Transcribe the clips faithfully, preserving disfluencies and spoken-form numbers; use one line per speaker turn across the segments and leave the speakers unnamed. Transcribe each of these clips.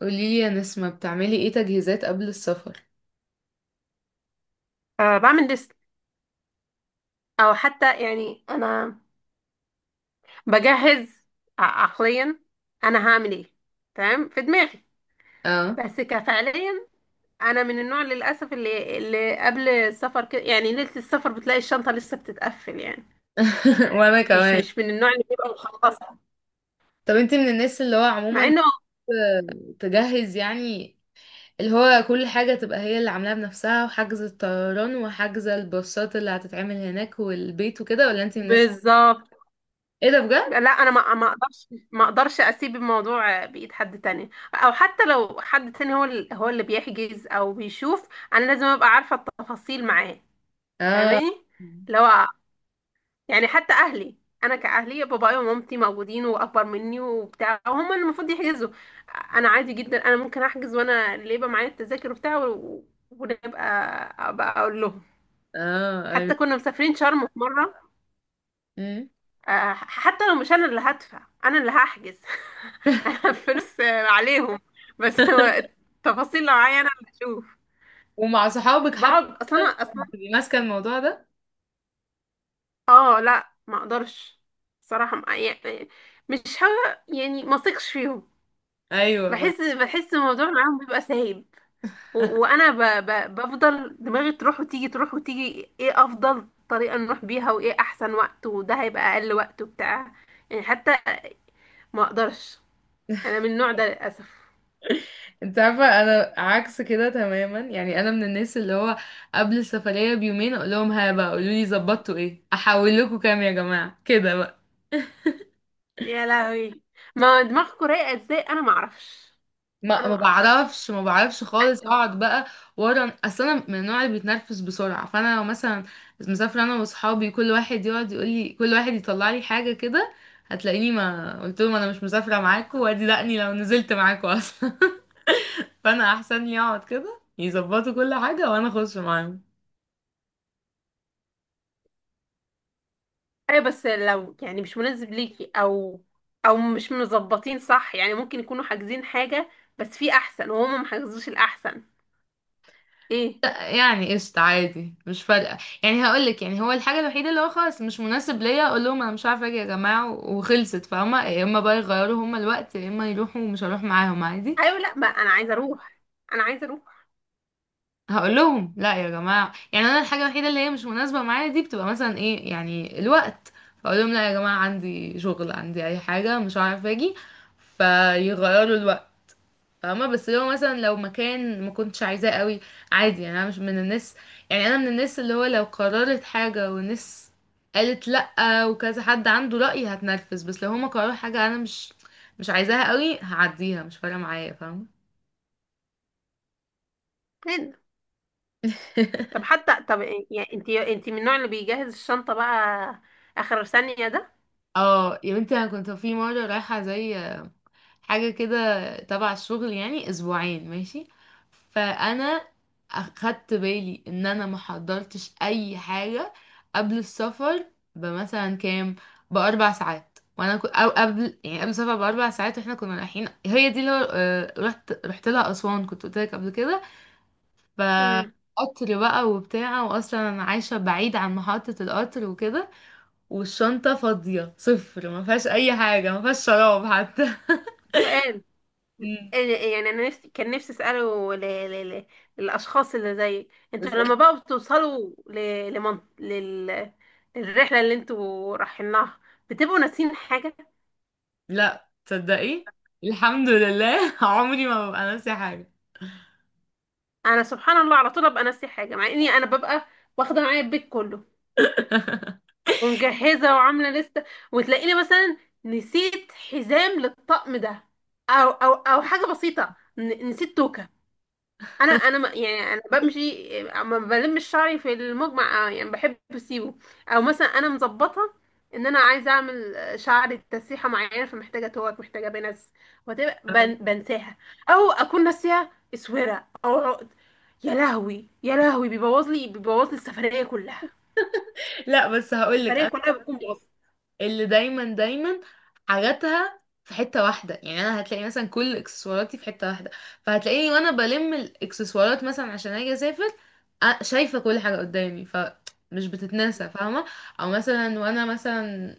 قوليلي يا نسمة، بتعملي ايه تجهيزات قبل السفر؟
أه، بعمل ليست. او حتى يعني انا بجهز ع- عقليا انا هعمل ايه تمام في دماغي.
اه.
بس كفعليا انا من النوع للاسف اللي اللي قبل السفر كده، يعني ليله السفر بتلاقي الشنطه لسه بتتقفل يعني.
وانا
مش
كمان.
مش من النوع اللي بيبقى مخلصه
طب انتي من الناس اللي هو
مع
عموما
انه،
تجهز يعني، اللي هو كل حاجة تبقى هي اللي عاملاها بنفسها، وحجز الطيران وحجز الباصات اللي هتتعمل هناك والبيت وكده، ولا انتي من الناس؟
بالظبط.
ايه ده؟ بجد؟
لا، انا ما ما اقدرش ما اقدرش اسيب الموضوع بايد حد تاني، او حتى لو حد تاني هو ال- هو اللي بيحجز او بيشوف. انا لازم ابقى عارفه التفاصيل معاه،
اه.
فاهماني؟ اللي هو يعني حتى اهلي، انا كاهلي بابايا ومامتي موجودين واكبر مني وبتاع، وهم اللي المفروض يحجزوا. انا عادي جدا، انا ممكن احجز، وانا اللي يبقى معايا التذاكر وبتاع و- ونبقى ابقى اقول لهم.
اه، ايوه.
حتى كنا مسافرين شرم في مره،
مم.
آه، حتى لو مش انا اللي هدفع انا اللي هحجز. انا الفلوس آه، عليهم. بس هو التفاصيل لو معايا انا اللي اشوف.
ومع صحابك حتى
بقعد اصلا انا.
بتبقي ماسكة الموضوع ده؟
اه لا، ما اقدرش. صراحة ما- يعني، مش ها يعني ما اثقش فيهم.
ايوه.
بحس بحس الموضوع معاهم بيبقى سايب. و- وانا ب ب بفضل دماغي تروح وتيجي، تروح وتيجي، ايه افضل طريقة نروح بيها، وايه احسن وقت، وده هيبقى اقل وقت وبتاع. يعني حتى، ما اقدرش. انا من النوع ده للاسف.
انت عارفة انا عكس كده تماما، يعني انا من الناس اللي هو قبل السفرية بيومين اقول لهم: ها بقى، قولوا لي ظبطتوا ايه، احول لكم كام، يا جماعة كده بقى.
يا لهوي، ما دماغكوا رايقة ازاي، انا ما اعرفش.
ما
انا ما
ما
اعرفش.
بعرفش ما بعرفش خالص، اقعد بقى ورا. اصل انا من النوع اللي بيتنرفز بسرعة، فانا لو مثلا مسافرة انا واصحابي، كل واحد يقعد يقول لي، كل واحد يطلع لي حاجة كده، هتلاقيني ما قلت لهم انا مش مسافرة معاكم، وادي دقني لو نزلت معاكم اصلا. فانا احسن لي اقعد كده، يظبطوا كل حاجة وانا اخش معاهم.
ايوه، بس لو يعني مش مناسب ليكي، او او مش مظبطين صح، يعني ممكن يكونوا حاجزين حاجة بس في احسن، وهما ما حجزوش الاحسن. ايه.
لا يعني قشطة، عادي، مش فارقة. يعني هقولك، يعني هو الحاجة الوحيدة اللي هو خلاص مش مناسب ليا، اقول لهم انا مش عارفة اجي يا جماعة و- وخلصت، فاهمة؟ يا اما بقى يغيروا هما الوقت، يا اما يروحوا ومش هروح معاهم عادي.
ايوه، لا، ما انا عايزة اروح، انا عايزة اروح.
هقول لهم لا يا جماعة، يعني انا الحاجة الوحيدة اللي هي مش مناسبة معايا دي بتبقى مثلا ايه، يعني الوقت. فاقول لهم لا يا جماعة، عندي شغل، عندي اي حاجة، مش عارفة اجي، فيغيروا الوقت. فاهمة؟ بس لو مثلا لو مكان ما كنتش عايزاه قوي، عادي يعني، انا مش من الناس. يعني انا من الناس اللي هو لو قررت حاجة والناس قالت لأ وكذا حد عنده رأي هتنرفز، بس لو هما قرروا حاجة انا مش مش عايزاها قوي، هعديها مش فارقة معايا، فاهمة؟
هنا. طب حتى طب إيه- يعني، انتي انتي من النوع اللي بيجهز الشنطة بقى اخر ثانية ده؟
اه يا بنتي، انا كنت في مرة رايحة زي حاجة كده تبع الشغل، يعني اسبوعين ماشي. فانا اخدت بالي ان انا ما حضرتش اي حاجة قبل السفر بمثلا كام، باربع ساعات. وانا كنت، او قبل يعني، قبل السفر باربع ساعات واحنا كنا رايحين، هي دي اللي هو- آه، رحت رحت لها اسوان، كنت قلت لك قبل كده. ف قطر بقى وبتاع، واصلا انا عايشه بعيد عن محطه القطر وكده، والشنطه فاضيه صفر، ما فيهاش اي حاجه، ما فيهاش شراب حتى.
امم إيه،
مم.
إيه، يعني انا نفسي، كان نفسي اساله ل... ل... ل... للاشخاص اللي زيك انتوا. لما بقى بتوصلوا ل... لمن... لل... للرحله اللي انتوا رايحين لها، بتبقوا ناسيين حاجه؟
لا تصدقي، الحمد لله، عمري ما ببقى ناسي حاجة.
انا سبحان الله على طول ابقى ناسي حاجه، مع اني انا ببقى واخده معايا البيت كله، ومجهزه وعامله لسته. وتلاقيني مثلا نسيت حزام للطقم ده، او او او حاجه بسيطه، ن... نسيت توكه. انا انا ما- يعني انا بمشي، ما بلمش شعري في المجمع، آه، يعني بحب اسيبه. او مثلا انا مظبطه ان انا عايزه اعمل شعري تسريحه معينه، فمحتاجه توك، محتاجه بنس، وتبقى بن بنساها. او اكون ناسيه اسوره او عقد. يا لهوي يا لهوي، بيبوظ لي بيبوظ لي السفريه كلها.
لا بس هقولك
السفريه
انا
كلها بتكون باظت.
اللي دايما دايما حاجاتها في حتة واحدة، يعني انا هتلاقي مثلا كل اكسسواراتي في حتة واحدة، فهتلاقيني وانا بلم الاكسسوارات مثلا عشان اجي اسافر، أ- شايفة كل حاجة قدامي، فمش بتتنسى، فاهمة؟ او مثلا وانا مثلا،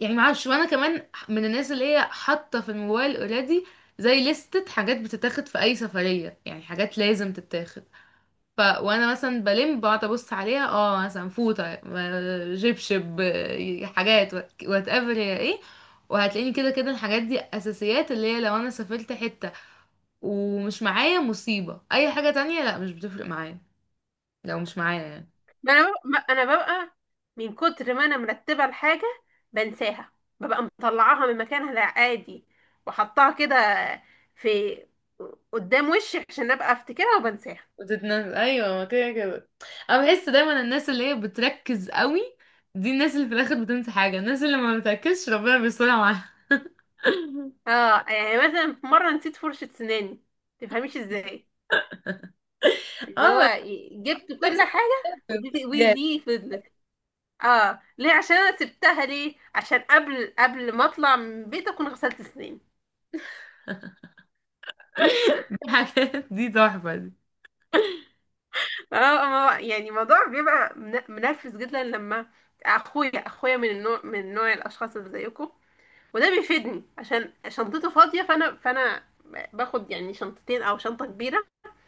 يعني معرفش، وانا كمان من الناس اللي هي حاطة في الموبايل اوريدي زي لستة حاجات بتتاخد في اي سفرية، يعني حاجات لازم تتاخد. ف وانا مثلا بلم بقعد ابص عليها، اه مثلا فوطه، م- جبشب، آه، حاجات، وات ايفر هي ايه. وهتلاقيني كده كده الحاجات دي اساسيات، اللي هي لو انا سافرت حته ومش معايا، مصيبه، اي حاجه تانية لا مش بتفرق معايا، لو مش معايا يعني.
ما انا ببقى ما انا ببقى من كتر ما انا مرتبه الحاجه بنساها. ببقى مطلعاها من مكانها العادي وحطاها كده في قدام وشي عشان ابقى افتكرها، وبنساها.
بتتنزل ايوه، ما كده كده انا بحس دايما الناس اللي هي بتركز قوي دي الناس اللي في الاخر بتنسى حاجه، الناس اللي ما بتركزش ربنا بيسترها معاها.
اه، يعني مثلا في مره نسيت فرشه سناني، تفهميش ازاي؟ اللي
اه.
هو جبت كل حاجه، ودي
بتحصل.
ودي فضلت. اه. ليه؟ عشان انا سبتها. ليه؟ عشان قبل قبل ما اطلع من البيت اكون غسلت سناني.
دي حاجات، دي تحفة دي.
اه. ما- يعني الموضوع بيبقى من- منرفز جدا. لما اخويا اخويا من النوع، من نوع الاشخاص اللي زيكم، وده بيفيدني عشان شنطته فاضيه، فانا فانا باخد يعني شنطتين او شنطه كبيره،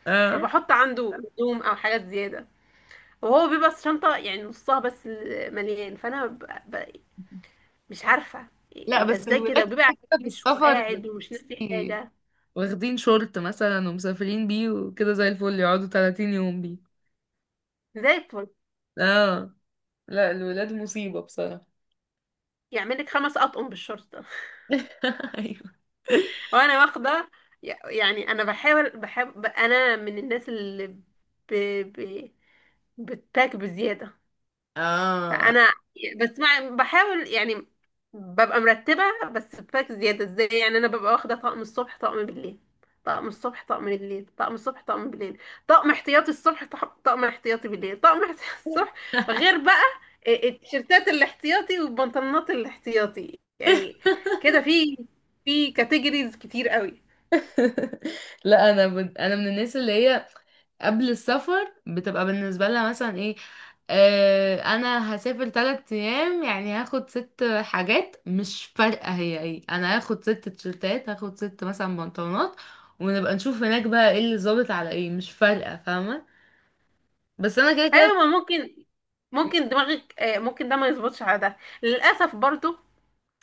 اه.
فبحط عنده هدوم او حاجات زياده، وهو بيبقى الشنطه يعني نصها بس مليان. فانا ب... ب... مش عارفه
لا
انت
بس
ازاي كده،
الولاد
وبيبقى
كده، في
عايش
السفر،
وقاعد ومش ناسي
بي-
حاجه،
واخدين شورت مثلا ومسافرين بيه وكده زي الفل، يقعدوا 30 يوم بيه.
زي الفل.
اه. لا الولاد مصيبة بصراحة.
يعمل لك خمس اطقم بالشرطه،
ايوه.
وانا واخده يعني. انا بحاول، بحب، انا من الناس اللي ب... ب... بتباك بزياده.
اه.
فانا بس مع... بحاول يعني ببقى مرتبه، بس بباك زياده. ازاي يعني؟ انا ببقى واخده طقم الصبح طقم بالليل، طقم الصبح طقم بالليل، طقم الصبح طقم بالليل، طقم احتياطي الصبح، طق- طقم احتياطي بالليل، طقم احتياطي الصبح. غير بقى ال- التيشيرتات الاحتياطي والبنطلونات الاحتياطي يعني. كده في في كاتيجوريز كتير قوي.
لا انا بد... انا من الناس اللي هي قبل السفر بتبقى بالنسبة لها مثلا ايه، آه انا هسافر تلات ايام، يعني هاخد ست حاجات، مش فارقة هي ايه، انا هاخد ست تيشرتات، هاخد ست مثلا بنطلونات. ونبقى نشوف هناك بقى ايه اللي ظابط على ايه، مش فارقة، فاهمة؟ بس انا كده كده.
ايوه، ما ممكن، ممكن دماغك، آه، ممكن ده ما يظبطش على ده للاسف برضو.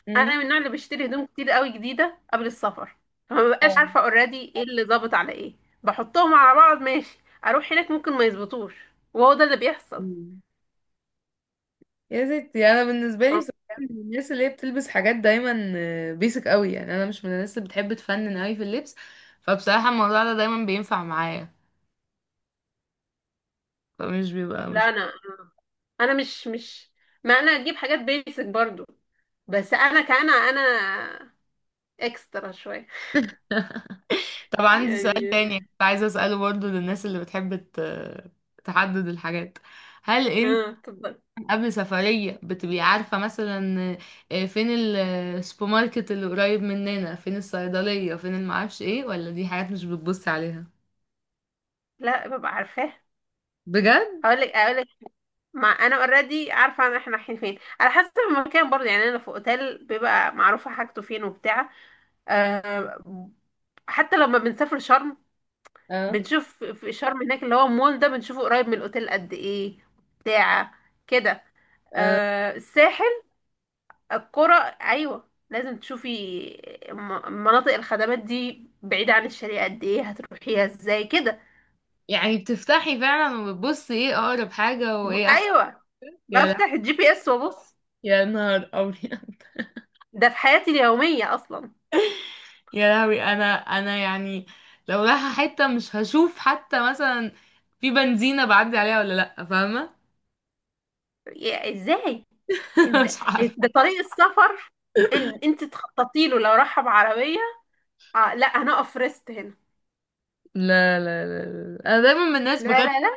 مم.
انا من النوع اللي بشتري هدوم كتير قوي جديده قبل السفر، فما ببقاش
فاهم.
عارفه اوريدي ايه اللي ظابط على ايه. بحطهم على بعض ماشي، اروح هناك ممكن ما يظبطوش، وهو ده اللي بيحصل.
مم. يا ستي انا بالنسبة لي
آه،
بصراحة من الناس اللي هي بتلبس حاجات دايما بيسك قوي، يعني انا مش من الناس اللي بتحب تفنن قوي في اللبس، فبصراحة الموضوع ده دايما بينفع معايا، فمش بيبقى
لا،
مش.
انا انا مش مش ما انا اجيب حاجات بيسك برضو. بس انا كان انا اكسترا شويه.
طب عندي سؤال
يعني
تاني كنت عايزة أسأله برضه للناس اللي بتحب ت- تحدد الحاجات. هل انت
اه، اتفضل.
قبل سفرية بتبقي عارفة مثلا آه، فين ال- السوبر ماركت اللي قريب مننا، فين الصيدلية، فين المعرفش ايه، ولا دي حاجات مش بتبصي عليها؟
لا ببقى عارفاه.
بجد؟
اقول لك، اقول ما انا اوريدي عارفه ان احنا رايحين فين، على حسب المكان برضه. يعني انا في اوتيل بيبقى معروفه حاجته فين وبتاع. أه، حتى لما بنسافر شرم،
اه.
بنشوف في شرم هناك، اللي هو المول ده بنشوفه قريب من الاوتيل قد ايه، بتاع كده.
اه.
أه، الساحل، القرى، ايوه لازم تشوفي م- مناطق الخدمات دي بعيده عن الشارع قد ايه، هتروحيها ازاي كده.
يعني بتفتحي فعلا وبتبصي ايه أقرب حاجة
جو-
وايه أحسن؟
ايوه،
يا لا-
بفتح الجي بي اس وابص.
يا نهار أبيض،
ده في حياتي اليوميه اصلا.
يا لهوي انا انا يعني لو رايحة حتة مش هشوف حتى مثلا في بنزينة بعدي عليها ولا لأ، فاهمة؟
يا- ازاي؟ ازاي
مش عارفة.
ده طريق السفر ان انت تخططي له لو راح بعربيه؟ آه لا، هنقف ريست هنا.
لا، لا، لا. لا، انا دايما من الناس
لا
بجد،
لا لا.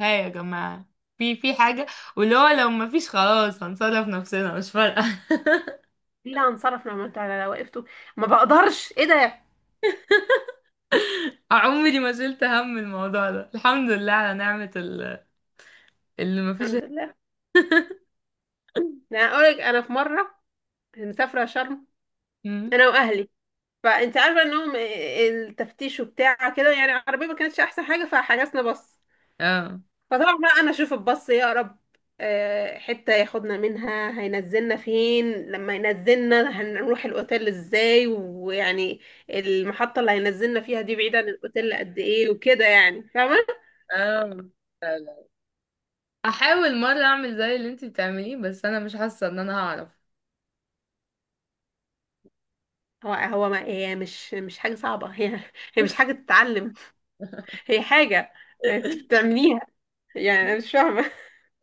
ها يا جماعة، في في حاجة، واللي هو لو ما فيش خلاص هنصرف نفسنا، مش فارقة.
لا، هنصرف لما انتوا على لو وقفتوا؟ ما بقدرش، ايه ده.
عمري ما شلت هم الموضوع ده، الحمد لله على نعمة ال- اللي ما فيش.
الحمد لله. يعني انا اقولك، انا في مره مسافره شرم،
مم.
انا واهلي، فانت عارفه انهم، آه، آه، التفتيش وبتاع كده، يعني العربيه ما كانتش احسن حاجه فحجزنا بس.
اه.
فطبعا بقى انا اشوف الباص يا رب، آه، حتة ياخدنا منها، هينزلنا فين. لما ينزلنا هنروح الاوتيل ازاي، ويعني المحطة اللي هينزلنا فيها دي بعيدة عن الاوتيل قد ايه وكده، يعني فاهمة.
اه. لا، لا، احاول مرة اعمل زي اللي انتي بتعمليه، بس انا مش حاسة ان انا هعرف.
هو هو ما هي مش مش حاجة صعبة. هي هي مش حاجة تتعلم، هي حاجة انت بتعمليها. يعني انا مش فاهمة.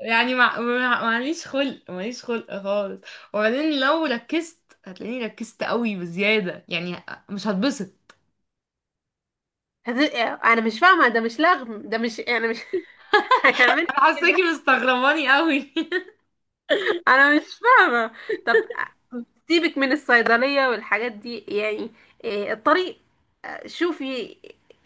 يعني مع... مع- معليش خلق، ماليش خلق خالص، وبعدين لو ركزت هتلاقيني ركزت قوي بزيادة، يعني ه- مش هتبسط.
هت- انا مش فاهمة، ده مش لغم، ده مش يعني مش هيعمل.
انا حاساكي مستغرباني قوي.
انا مش فاهمة. طب سيبك من الصيدلية والحاجات دي يعني، إيه الطريق. شوفي،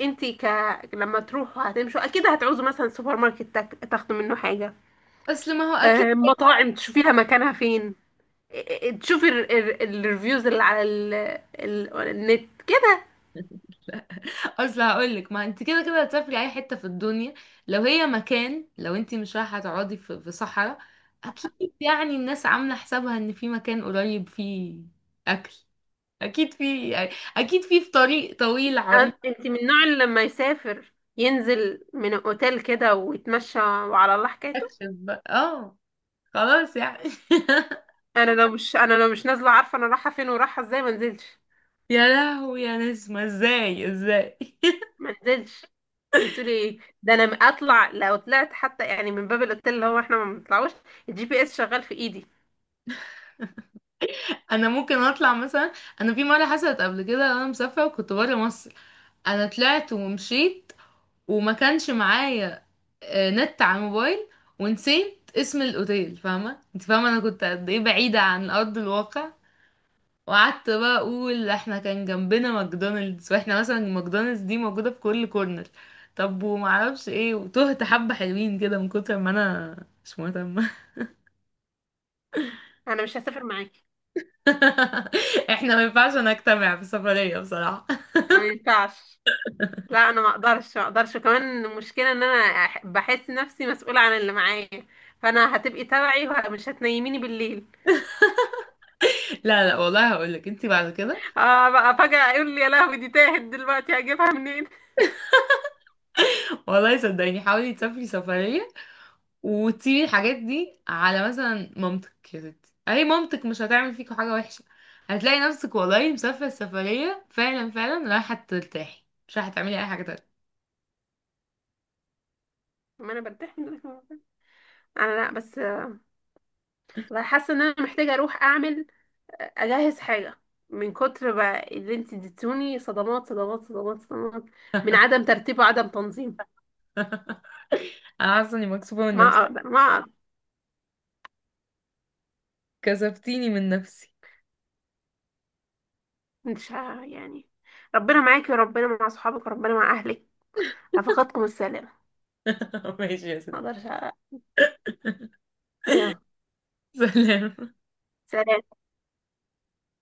انت ك... لما تروحوا هتمشوا اكيد هتعوزوا مثلا سوبر ماركت تاك- تاخدوا منه حاجة.
اصل ما هو اكيد.
آه، مطاعم تشوفيها مكانها فين. إيه، إيه، تشوفي ال- ال- الريفيوز اللي على ال... ال... النت كده.
اصل هقولك، ما انت كده كده هتسافري اي حتة في الدنيا، لو هي مكان، لو انت مش رايحة تقعدي في, في صحراء، اكيد يعني الناس عاملة حسابها ان في مكان قريب فيه اكل، اكيد في يعني، اكيد في في طريق طويل عريض.
أن- انت من النوع اللي لما يسافر ينزل من اوتيل كده ويتمشى وعلى الله حكايته؟
اكشف بقى اه، خلاص يعني.
انا لو مش انا لو مش نازله عارفه انا رايحه فين ورايحه ازاي، ما نزلتش.
يا لهوي يا نسمة، ازاي ازاي؟
ما انزلش. انت بتقولي ايه ده؟ انا اطلع؟ لو طلعت حتى يعني من باب الاوتيل، اللي هو احنا ما بنطلعوش، الجي بي اس شغال في ايدي.
انا ممكن اطلع مثلا، انا في مرة حصلت قبل كده انا مسافرة وكنت برا مصر، انا طلعت ومشيت وما كانش معايا آه، نت على الموبايل، ونسيت اسم الاوتيل، فاهمة؟ انت فاهمة انا كنت قد ايه بعيدة عن ارض الواقع. وقعدت بقى اقول احنا كان جنبنا ماكدونالدز، واحنا مثلا ماكدونالدز دي موجودة في كل كورنر. طب ومعرفش ايه، وتهت حبة حلوين كده من كتر ما انا مش مهتمة.
انا مش هسافر معاكي.
احنا ما ينفعش نجتمع في سفرية بصراحة.
ما ينفعش. لا انا ما اقدرش ما اقدرش. وكمان المشكله ان انا أح- بحس نفسي مسؤوله عن اللي معايا. فانا هتبقي تبعي ومش هتنيميني بالليل.
لا، لا، والله هقولك انتي بعد كده،
اه بقى فجاه يقول لي يا لهوي دي تاهت دلوقتي هجيبها منين.
والله صدقيني حاولي تسافري سفرية وتسيبي الحاجات دي على مثلا مامتك، يا ستي اي مامتك مش هتعمل فيكوا حاجة وحشة، هتلاقي نفسك والله مسافرة السفرية، فعلا فعلا رايحة ترتاحي مش رايحة تعملي اي حاجة تانية.
ما انا برتاح من دلوقتي. انا، لا بس، والله حاسه ان انا محتاجه اروح اعمل، اجهز حاجه، من كتر بقى اللي انت اديتوني صدمات صدمات صدمات صدمات من عدم ترتيب وعدم تنظيم.
انا حاسة اني مكسوفة من
ما
نفسي،
اقدر ما اقدر.
كسفتيني من نفسي.
مش ه- يعني، ربنا معاكي وربنا مع صحابك وربنا مع اهلك، رفقاتكم السلام.
ماشي يا
ما
ستي.
اقدرش أ- يا
سلام.
سلام.